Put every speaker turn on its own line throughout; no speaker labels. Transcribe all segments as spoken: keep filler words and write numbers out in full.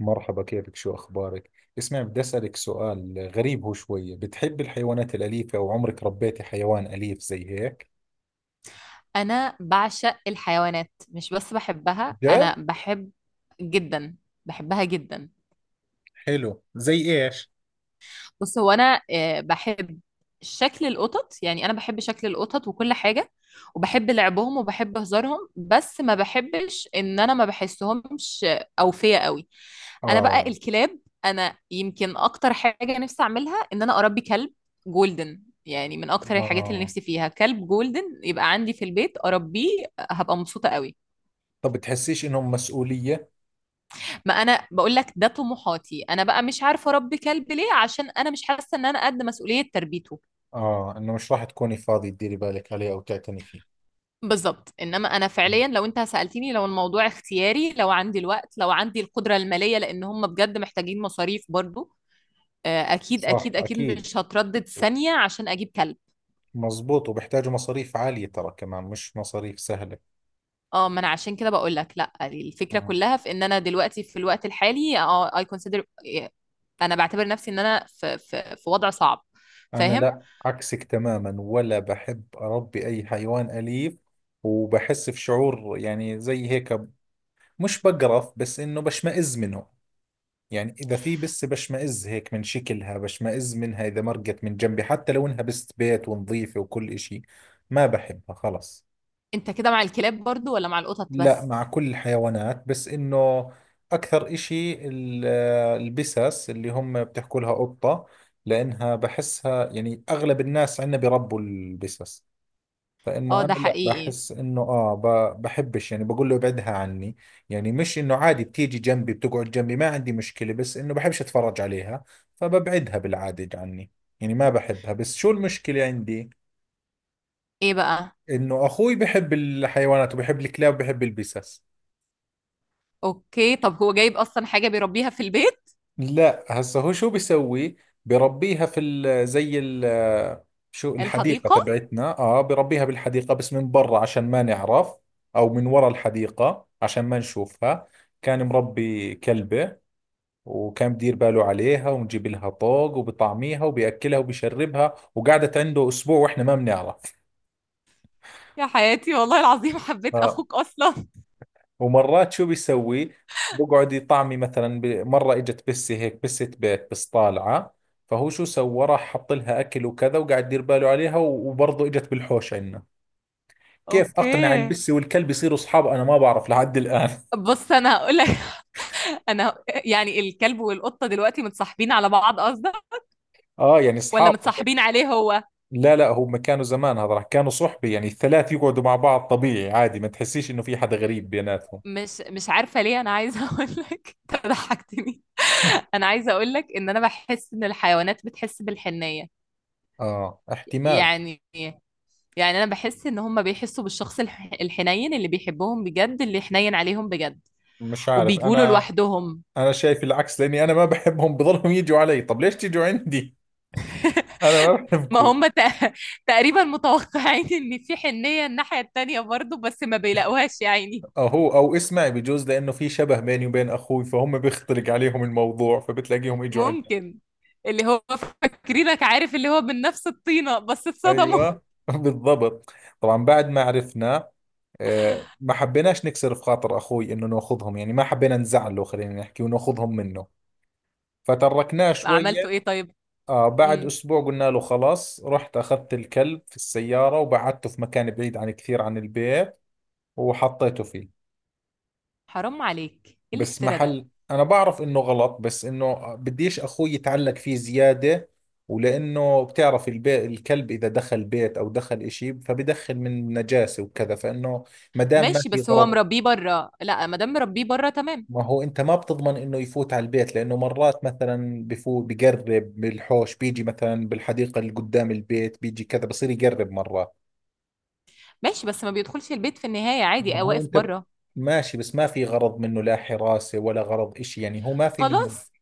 مرحبا، كيفك؟ شو أخبارك؟ اسمع، بدي أسألك سؤال غريب. هو شوية بتحب الحيوانات الأليفة أو عمرك ربيتي حيوان أليف زي هيك؟
انا بعشق الحيوانات، مش بس بحبها. انا
ده
بحب جدا بحبها جدا.
حلو. زي ايش؟
بص، هو انا آه، بحب شكل القطط. يعني انا بحب شكل القطط وكل حاجة، وبحب لعبهم وبحب هزارهم، بس ما بحبش ان انا ما بحسهمش اوفية قوي. انا بقى
آه.
الكلاب، انا يمكن اكتر حاجة نفسي اعملها ان انا اربي كلب جولدن. يعني من اكتر الحاجات اللي
آه.
نفسي فيها كلب جولدن يبقى عندي في البيت اربيه. هبقى مبسوطة قوي.
طب بتحسيش إنهم مسؤولية؟
ما انا بقول لك ده طموحاتي. انا بقى مش عارفه اربي كلب ليه، عشان انا مش حاسه ان انا قد مسؤوليه تربيته.
آه، إنه مش راح تكوني فاضي تديري بالك عليه أو تعتني فيه.
بالظبط. انما انا
مم.
فعليا لو انت سالتني، لو الموضوع اختياري، لو عندي الوقت، لو عندي القدره الماليه، لان هم بجد محتاجين مصاريف برضو. آه، اكيد
صح،
اكيد اكيد
أكيد.
مش هتردد ثانيه عشان اجيب كلب.
مزبوط، وبيحتاجوا مصاريف عالية ترى، كمان مش مصاريف سهلة.
اه، ما انا عشان كده بقول لك لا. الفكره
آه.
كلها في ان انا دلوقتي في الوقت الحالي اه اي كونسيدر. انا بعتبر نفسي ان انا في في في وضع صعب.
أنا
فاهم.
لا، عكسك تماما، ولا بحب أربي أي حيوان أليف. وبحس في شعور يعني زي هيك، مش بقرف بس إنه بشمئز منه. يعني إذا في بس بشمئز هيك من شكلها، بشمئز منها إذا مرقت من جنبي حتى لو إنها بست بيت ونظيفة وكل إشي. ما بحبها خلص.
انت كده مع الكلاب برضو ولا مع القطط
لا،
بس؟
مع كل الحيوانات، بس إنه أكثر إشي ال- البسس اللي هم بتحكوا لها قطة، لأنها بحسها. يعني أغلب الناس عندنا بيربوا البسس،
اه
فانه انا
ده
لا
حقيقي.
بحس انه اه ب- بحبش، يعني بقول له ابعدها عني. يعني مش انه عادي بتيجي جنبي بتقعد جنبي ما عندي مشكلة، بس انه بحبش اتفرج عليها، فببعدها بالعادة عني. يعني ما بحبها. بس شو المشكلة عندي؟
ايه بقى؟
انه اخوي بحب الحيوانات وبحب الكلاب وبحب البسس.
اوكي، طب هو جايب اصلا حاجة بيربيها في البيت؟
لا، هسه هو شو بيسوي، بربيها في ال زي ال شو، الحديقة
الحديقة؟
تبعتنا، اه بربيها بالحديقة بس من برا عشان ما نعرف، او من ورا الحديقة عشان ما نشوفها. كان مربي كلبة، وكان بدير باله عليها ونجيب لها طوق وبطعميها وبيأكلها وبيشربها، وقعدت عنده اسبوع واحنا ما بنعرف.
يا حياتي، والله العظيم حبيت
آه.
اخوك اصلا.
ومرات شو بيسوي؟ بقعد يطعمي مثلا، ب- مرة اجت بسة هيك، بسة بيت بس طالعة، فهو شو سوى، راح حط لها اكل وكذا وقاعد يدير باله عليها، و- وبرضه اجت بالحوش عندنا. كيف
اوكي،
اقنع البسة والكلب يصيروا اصحاب؟ انا ما بعرف لحد الان.
بص انا هقول لك. انا ه- يعني الكلب والقطة دلوقتي متصاحبين على بعض قصدك؟
اه يعني
ولا
اصحاب.
متصاحبين عليه هو؟
لا لا، هم كانوا زمان، هذا راح، كانوا صحبة يعني. الثلاث يقعدوا مع بعض طبيعي عادي، ما تحسيش انه في حدا غريب بيناتهم.
مش مش عارفة ليه انا عايزة اقول لك، انت ضحكتني. انا عايزة اقول لك ان انا بحس ان الحيوانات بتحس بالحنية.
اه، احتمال.
يعني يعني انا بحس ان هم بيحسوا بالشخص الح- الحنين اللي بيحبهم بجد، اللي حنين عليهم بجد.
مش عارف
وبيجولوا
انا.
لوحدهم.
انا شايف العكس، لاني انا ما بحبهم بضلهم يجوا علي. طب ليش تيجوا عندي؟ انا ما
ما
بحبكم.
هم تق- تقريبا متوقعين ان في حنية الناحية التانية برضو، بس ما بيلاقوهاش يا عيني.
اهو، او اسمعي، بجوز لانه في شبه بيني وبين اخوي، فهم بيختلق عليهم الموضوع فبتلاقيهم اجوا عندنا.
ممكن. اللي هو فاكرينك، عارف، اللي هو من نفس الطينة، بس اتصدموا.
ايوه بالضبط. طبعا بعد ما عرفنا، آه، ما حبيناش نكسر في خاطر اخوي انه ناخذهم، يعني ما حبينا نزعله، خلينا نحكي وناخذهم منه، فتركناه
عملتوا
شوية.
ايه طيب؟
آه، بعد
امم.
أسبوع قلنا له خلاص، رحت أخذت الكلب في السيارة وبعدته في مكان بعيد عن كثير عن البيت، وحطيته فيه.
حرام عليك، ايه
بس
الافتراء ده؟
محل، انا بعرف انه غلط، بس انه بديش اخوي يتعلق فيه زيادة، ولانه بتعرف البيت، الكلب اذا دخل بيت او دخل اشي فبدخل من نجاسة وكذا، فانه ما دام ما
ماشي،
في
بس هو
غرض.
مربيه بره. لا، ما دام مربيه بره تمام.
ما هو انت ما بتضمن انه يفوت على البيت، لانه مرات مثلا بفوت بقرب، بالحوش بيجي مثلا، بالحديقة اللي قدام البيت بيجي كذا، بصير يقرب مرات.
ماشي، بس ما بيدخلش البيت في النهاية، عادي،
ما
آه،
هو
واقف
انت،
بره.
ماشي، بس ما في غرض منه، لا حراسة ولا غرض اشي، يعني هو ما في منه.
خلاص،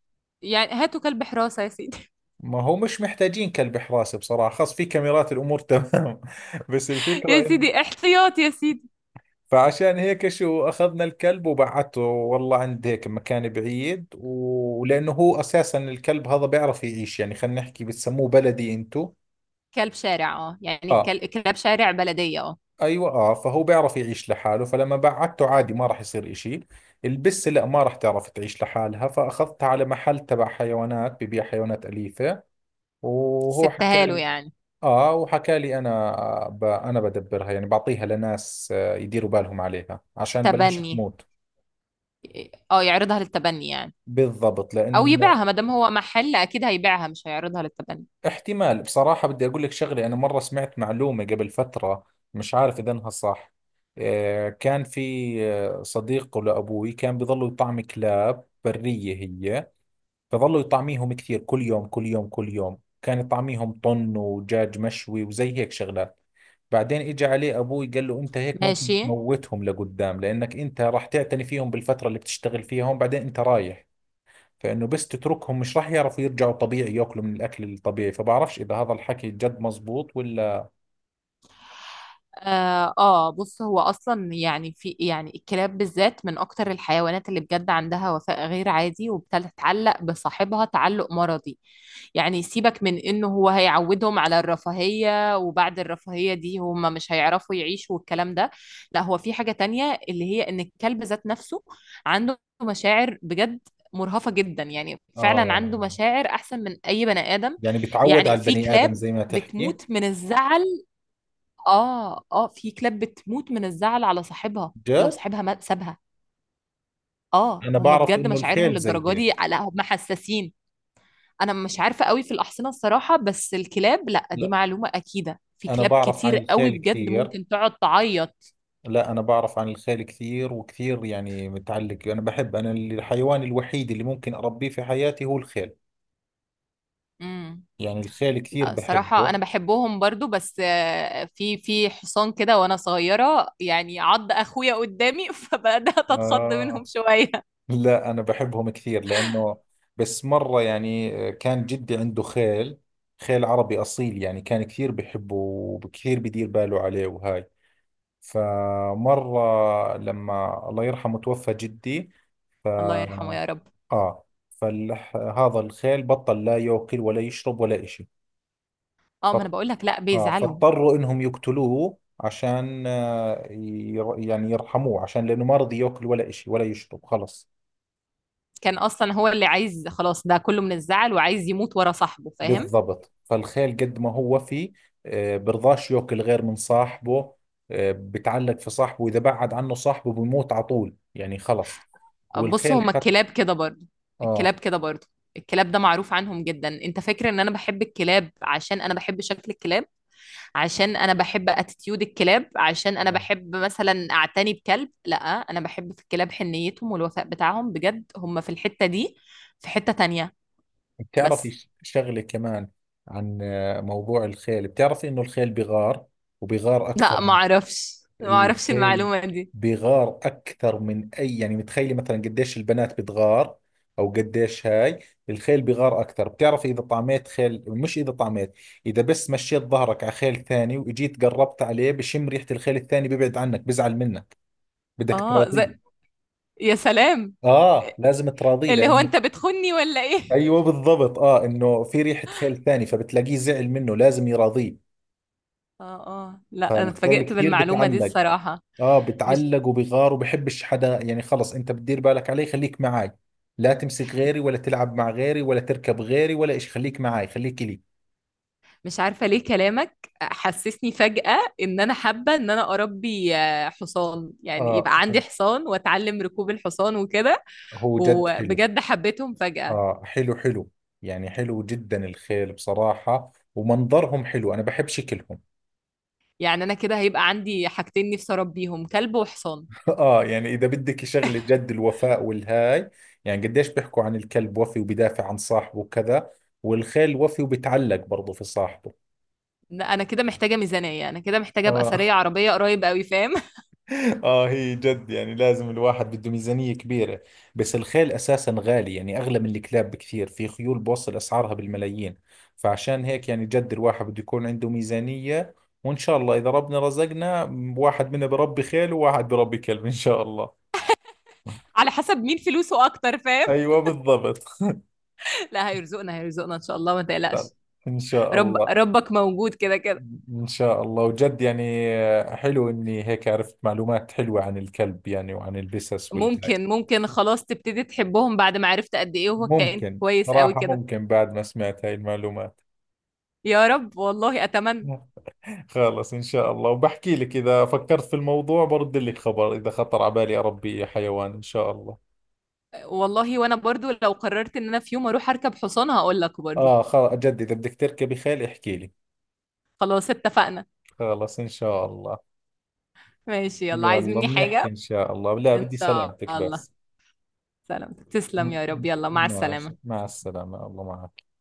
يعني هاتوا كلب حراسة يا سيدي.
ما هو مش محتاجين كلب حراسة بصراحة، خاص في كاميرات الأمور تمام بس
يا
الفكرة إن،
سيدي احتياط يا سيدي.
فعشان هيك شو، أخذنا الكلب وبعته والله عند هيك مكان بعيد، و- ولأنه هو أساسا الكلب هذا بيعرف يعيش، يعني خلينا نحكي بتسموه بلدي أنتو.
كلب شارع، اه، يعني
آه.
كل- كلاب شارع بلدية، اه.
أيوة، آه، فهو بيعرف يعيش لحاله، فلما بعته عادي ما راح يصير إشي. البسة لا، ما راح تعرف تعيش لحالها، فأخذتها على محل تبع حيوانات، ببيع حيوانات أليفة، وهو حكى،
سبتها له يعني.
اه وحكى لي انا ب... انا بدبرها، يعني بعطيها لناس آه، يديروا بالهم عليها عشان بلاش
تبني،
تموت.
اه، يعرضها للتبني يعني.
بالضبط
او
لانه،
يبيعها، ما دام هو محل اكيد هيبيعها مش هيعرضها للتبني.
احتمال بصراحة. بدي اقول لك شغلة، انا مرة سمعت معلومة قبل فترة، مش عارف اذا انها صح. آه، كان في آه، صديق لابوي كان بيضلوا يطعم كلاب برية هي، فظلوا يطعميهم كثير، كل يوم كل يوم كل يوم كان يطعميهم طن ودجاج مشوي وزي هيك شغلات. بعدين اجى عليه ابوي قال له انت هيك ممكن
ماشي.
تموتهم لقدام، لانك انت راح تعتني فيهم بالفتره اللي بتشتغل فيها هون، بعدين انت رايح، فانه بس تتركهم مش راح يعرفوا يرجعوا طبيعي ياكلوا من الاكل الطبيعي. فبعرفش اذا هذا الحكي جد مزبوط ولا.
آه, اه بص هو اصلا، يعني، في، يعني الكلاب بالذات من اكتر الحيوانات اللي بجد عندها وفاء غير عادي، وبتتعلق بصاحبها تعلق مرضي. يعني سيبك من انه هو هيعودهم على الرفاهية وبعد الرفاهية دي هم مش هيعرفوا يعيشوا والكلام ده. لا، هو في حاجة تانية، اللي هي ان الكلب ذات نفسه عنده مشاعر بجد مرهفة جدا. يعني فعلا
آه،
عنده مشاعر احسن من اي بني ادم.
يعني بتعود
يعني
على
في
البني آدم
كلاب
زي ما تحكي.
بتموت من الزعل. اه اه، في كلاب بتموت من الزعل على صاحبها لو
جد؟
صاحبها ما سابها. اه،
أنا
هم
بعرف
بجد
إنه
مشاعرهم
الخيل زي
للدرجه دي،
هيك.
لا هم حساسين. انا مش عارفه قوي في الاحصنه الصراحه، بس الكلاب لا، دي
لا،
معلومه اكيده، في
أنا
كلاب
بعرف عن
كتير قوي
الخيل
بجد
كثير.
ممكن تقعد تعيط.
لا، أنا بعرف عن الخيل كثير وكثير، يعني متعلق. أنا بحب، أنا الحيوان الوحيد اللي ممكن أربيه في حياتي هو الخيل.
امم.
يعني الخيل كثير
لا الصراحه
بحبه.
انا بحبهم برضو، بس آه، في في حصان كده وانا صغيره يعني عض اخويا قدامي، فبدات اتخض منهم
آه.
شويه.
لا أنا بحبهم كثير، لأنه بس مرة، يعني كان جدي عنده خيل، خيل عربي أصيل، يعني كان كثير بحبه وكثير بدير باله عليه وهاي. فمرة لما الله يرحمه توفى جدي،
الله يرحمه يا رب.
آه، فهذا الخيل بطل لا يأكل ولا يشرب ولا إشي.
اه، ما انا بقول لك، لا
آه،
بيزعلوا.
فاضطروا انهم يقتلوه عشان آه ير، يعني يرحموه، عشان لانه ما رضي ياكل ولا اشي ولا يشرب، خلص.
كان اصلا هو اللي عايز خلاص ده كله من الزعل وعايز يموت ورا صاحبه، فاهم؟
بالضبط. فالخيل قد ما هو وفي، آه برضاش ياكل غير من صاحبه. آه، بتعلق في صاحبه، واذا بعد عنه صاحبه بموت على طول، يعني خلص.
بص،
والخيل
هما
حتى.
الكلاب كده برضه. الكلاب
اه.
كده برضه. الكلاب ده معروف عنهم جدا. انت فاكر ان انا بحب الكلاب عشان انا بحب شكل الكلاب؟ عشان انا بحب اتيتيود الكلاب؟ عشان انا
آه.
بحب مثلا اعتني بكلب؟ لا، انا بحب في الكلاب حنيتهم والوفاء بتاعهم بجد، هم في الحتة دي. في حتة تانية.
بتعرفي
بس.
ش- شغلة كمان عن آه موضوع الخيل، بتعرفي انه الخيل بغار، وبغار
لا،
اكثر.
ما اعرفش ما اعرفش
الخيل
المعلومة دي.
بيغار اكثر من اي، يعني متخيلي مثلا قديش البنات بتغار، او قديش هاي، الخيل بيغار اكثر. بتعرف اذا طعميت خيل، مش اذا طعميت، اذا بس مشيت ظهرك على خيل ثاني واجيت قربت عليه، بشم ريحة الخيل الثاني بيبعد عنك، بزعل منك، بدك
اه، زي...
تراضيه.
يا سلام.
اه، لازم تراضيه
اللي هو
لانه،
انت بتخني ولا ايه؟
ايوه بالضبط، اه انه في ريحة خيل ثاني، فبتلاقيه زعل منه، لازم يراضيه.
اه اه، لا انا
فالخيل
اتفاجئت
كثير
بالمعلومة دي
بتعلق،
الصراحة.
اه
مش
بتعلق وبغار وبحبش حدا، يعني خلص انت بتدير بالك عليه خليك معاي، لا تمسك غيري ولا تلعب مع غيري ولا تركب غيري ولا إشي، خليك معاي خليك إلي.
مش عارفة ليه كلامك حسسني فجأة ان انا حابة ان انا اربي آه، حصان، يعني يبقى
اه
عندي
هو،
حصان واتعلم ركوب الحصان وكده.
هو جد حلو.
وبجد حبيتهم فجأة.
اه حلو، حلو، يعني حلو جدا الخيل بصراحة، ومنظرهم حلو، انا بحب شكلهم.
يعني انا كده هيبقى عندي حاجتين نفسي اربيهم، كلب وحصان.
اه، يعني اذا بدك شغلة جد الوفاء والهاي، يعني قديش بيحكوا عن الكلب وفي وبدافع عن صاحبه وكذا، والخيل وفي وبتعلق برضه في صاحبه.
لا، انا كده محتاجة ميزانية، انا كده محتاجة ابقى
اه.
ثرية عربية قريب قوي، فاهم؟
اه، هي جد يعني لازم الواحد بده ميزانية كبيرة، بس الخيل اساسا غالي، يعني اغلى من الكلاب بكثير، في خيول بوصل اسعارها بالملايين، فعشان هيك يعني جد الواحد بده يكون عنده ميزانية. وان شاء الله اذا ربنا رزقنا، واحد منا بربي خيل وواحد بربي كلب ان شاء الله.
على حسب مين فلوسه اكتر، فاهم؟
ايوه بالضبط.
لا، هيرزقنا هيرزقنا ان شاء الله، ما تقلقش.
ان شاء
رب
الله.
ربك موجود كده كده.
ان شاء الله. وجد يعني حلو اني هيك عرفت معلومات حلوة عن الكلب يعني وعن البسس والهاي.
ممكن ممكن خلاص تبتدي تحبهم بعد ما عرفت قد ايه هو كائن
ممكن
كويس قوي
صراحة،
كده.
ممكن بعد ما سمعت هاي المعلومات.
يا رب، والله اتمنى.
خلص إن شاء الله، وبحكي لك إذا فكرت في الموضوع برد لك خبر، إذا خطر على بالي أربي حيوان إن شاء الله.
والله وانا برضو لو قررت ان انا في يوم اروح اركب حصان هقول لك برضو.
آه، خل... جد إذا بدك تركبي خيل احكي لي.
خلاص اتفقنا.
خلص إن شاء الله.
ماشي يلا، عايز
يلا
مني
بنحكي
حاجة؟
إن شاء الله، لا
ان
بدي
شاء
سلامتك
الله.
بس.
سلام، تسلم
م-
يا رب،
م-
يلا مع السلامة.
ماشي، مع السلامة، الله معك.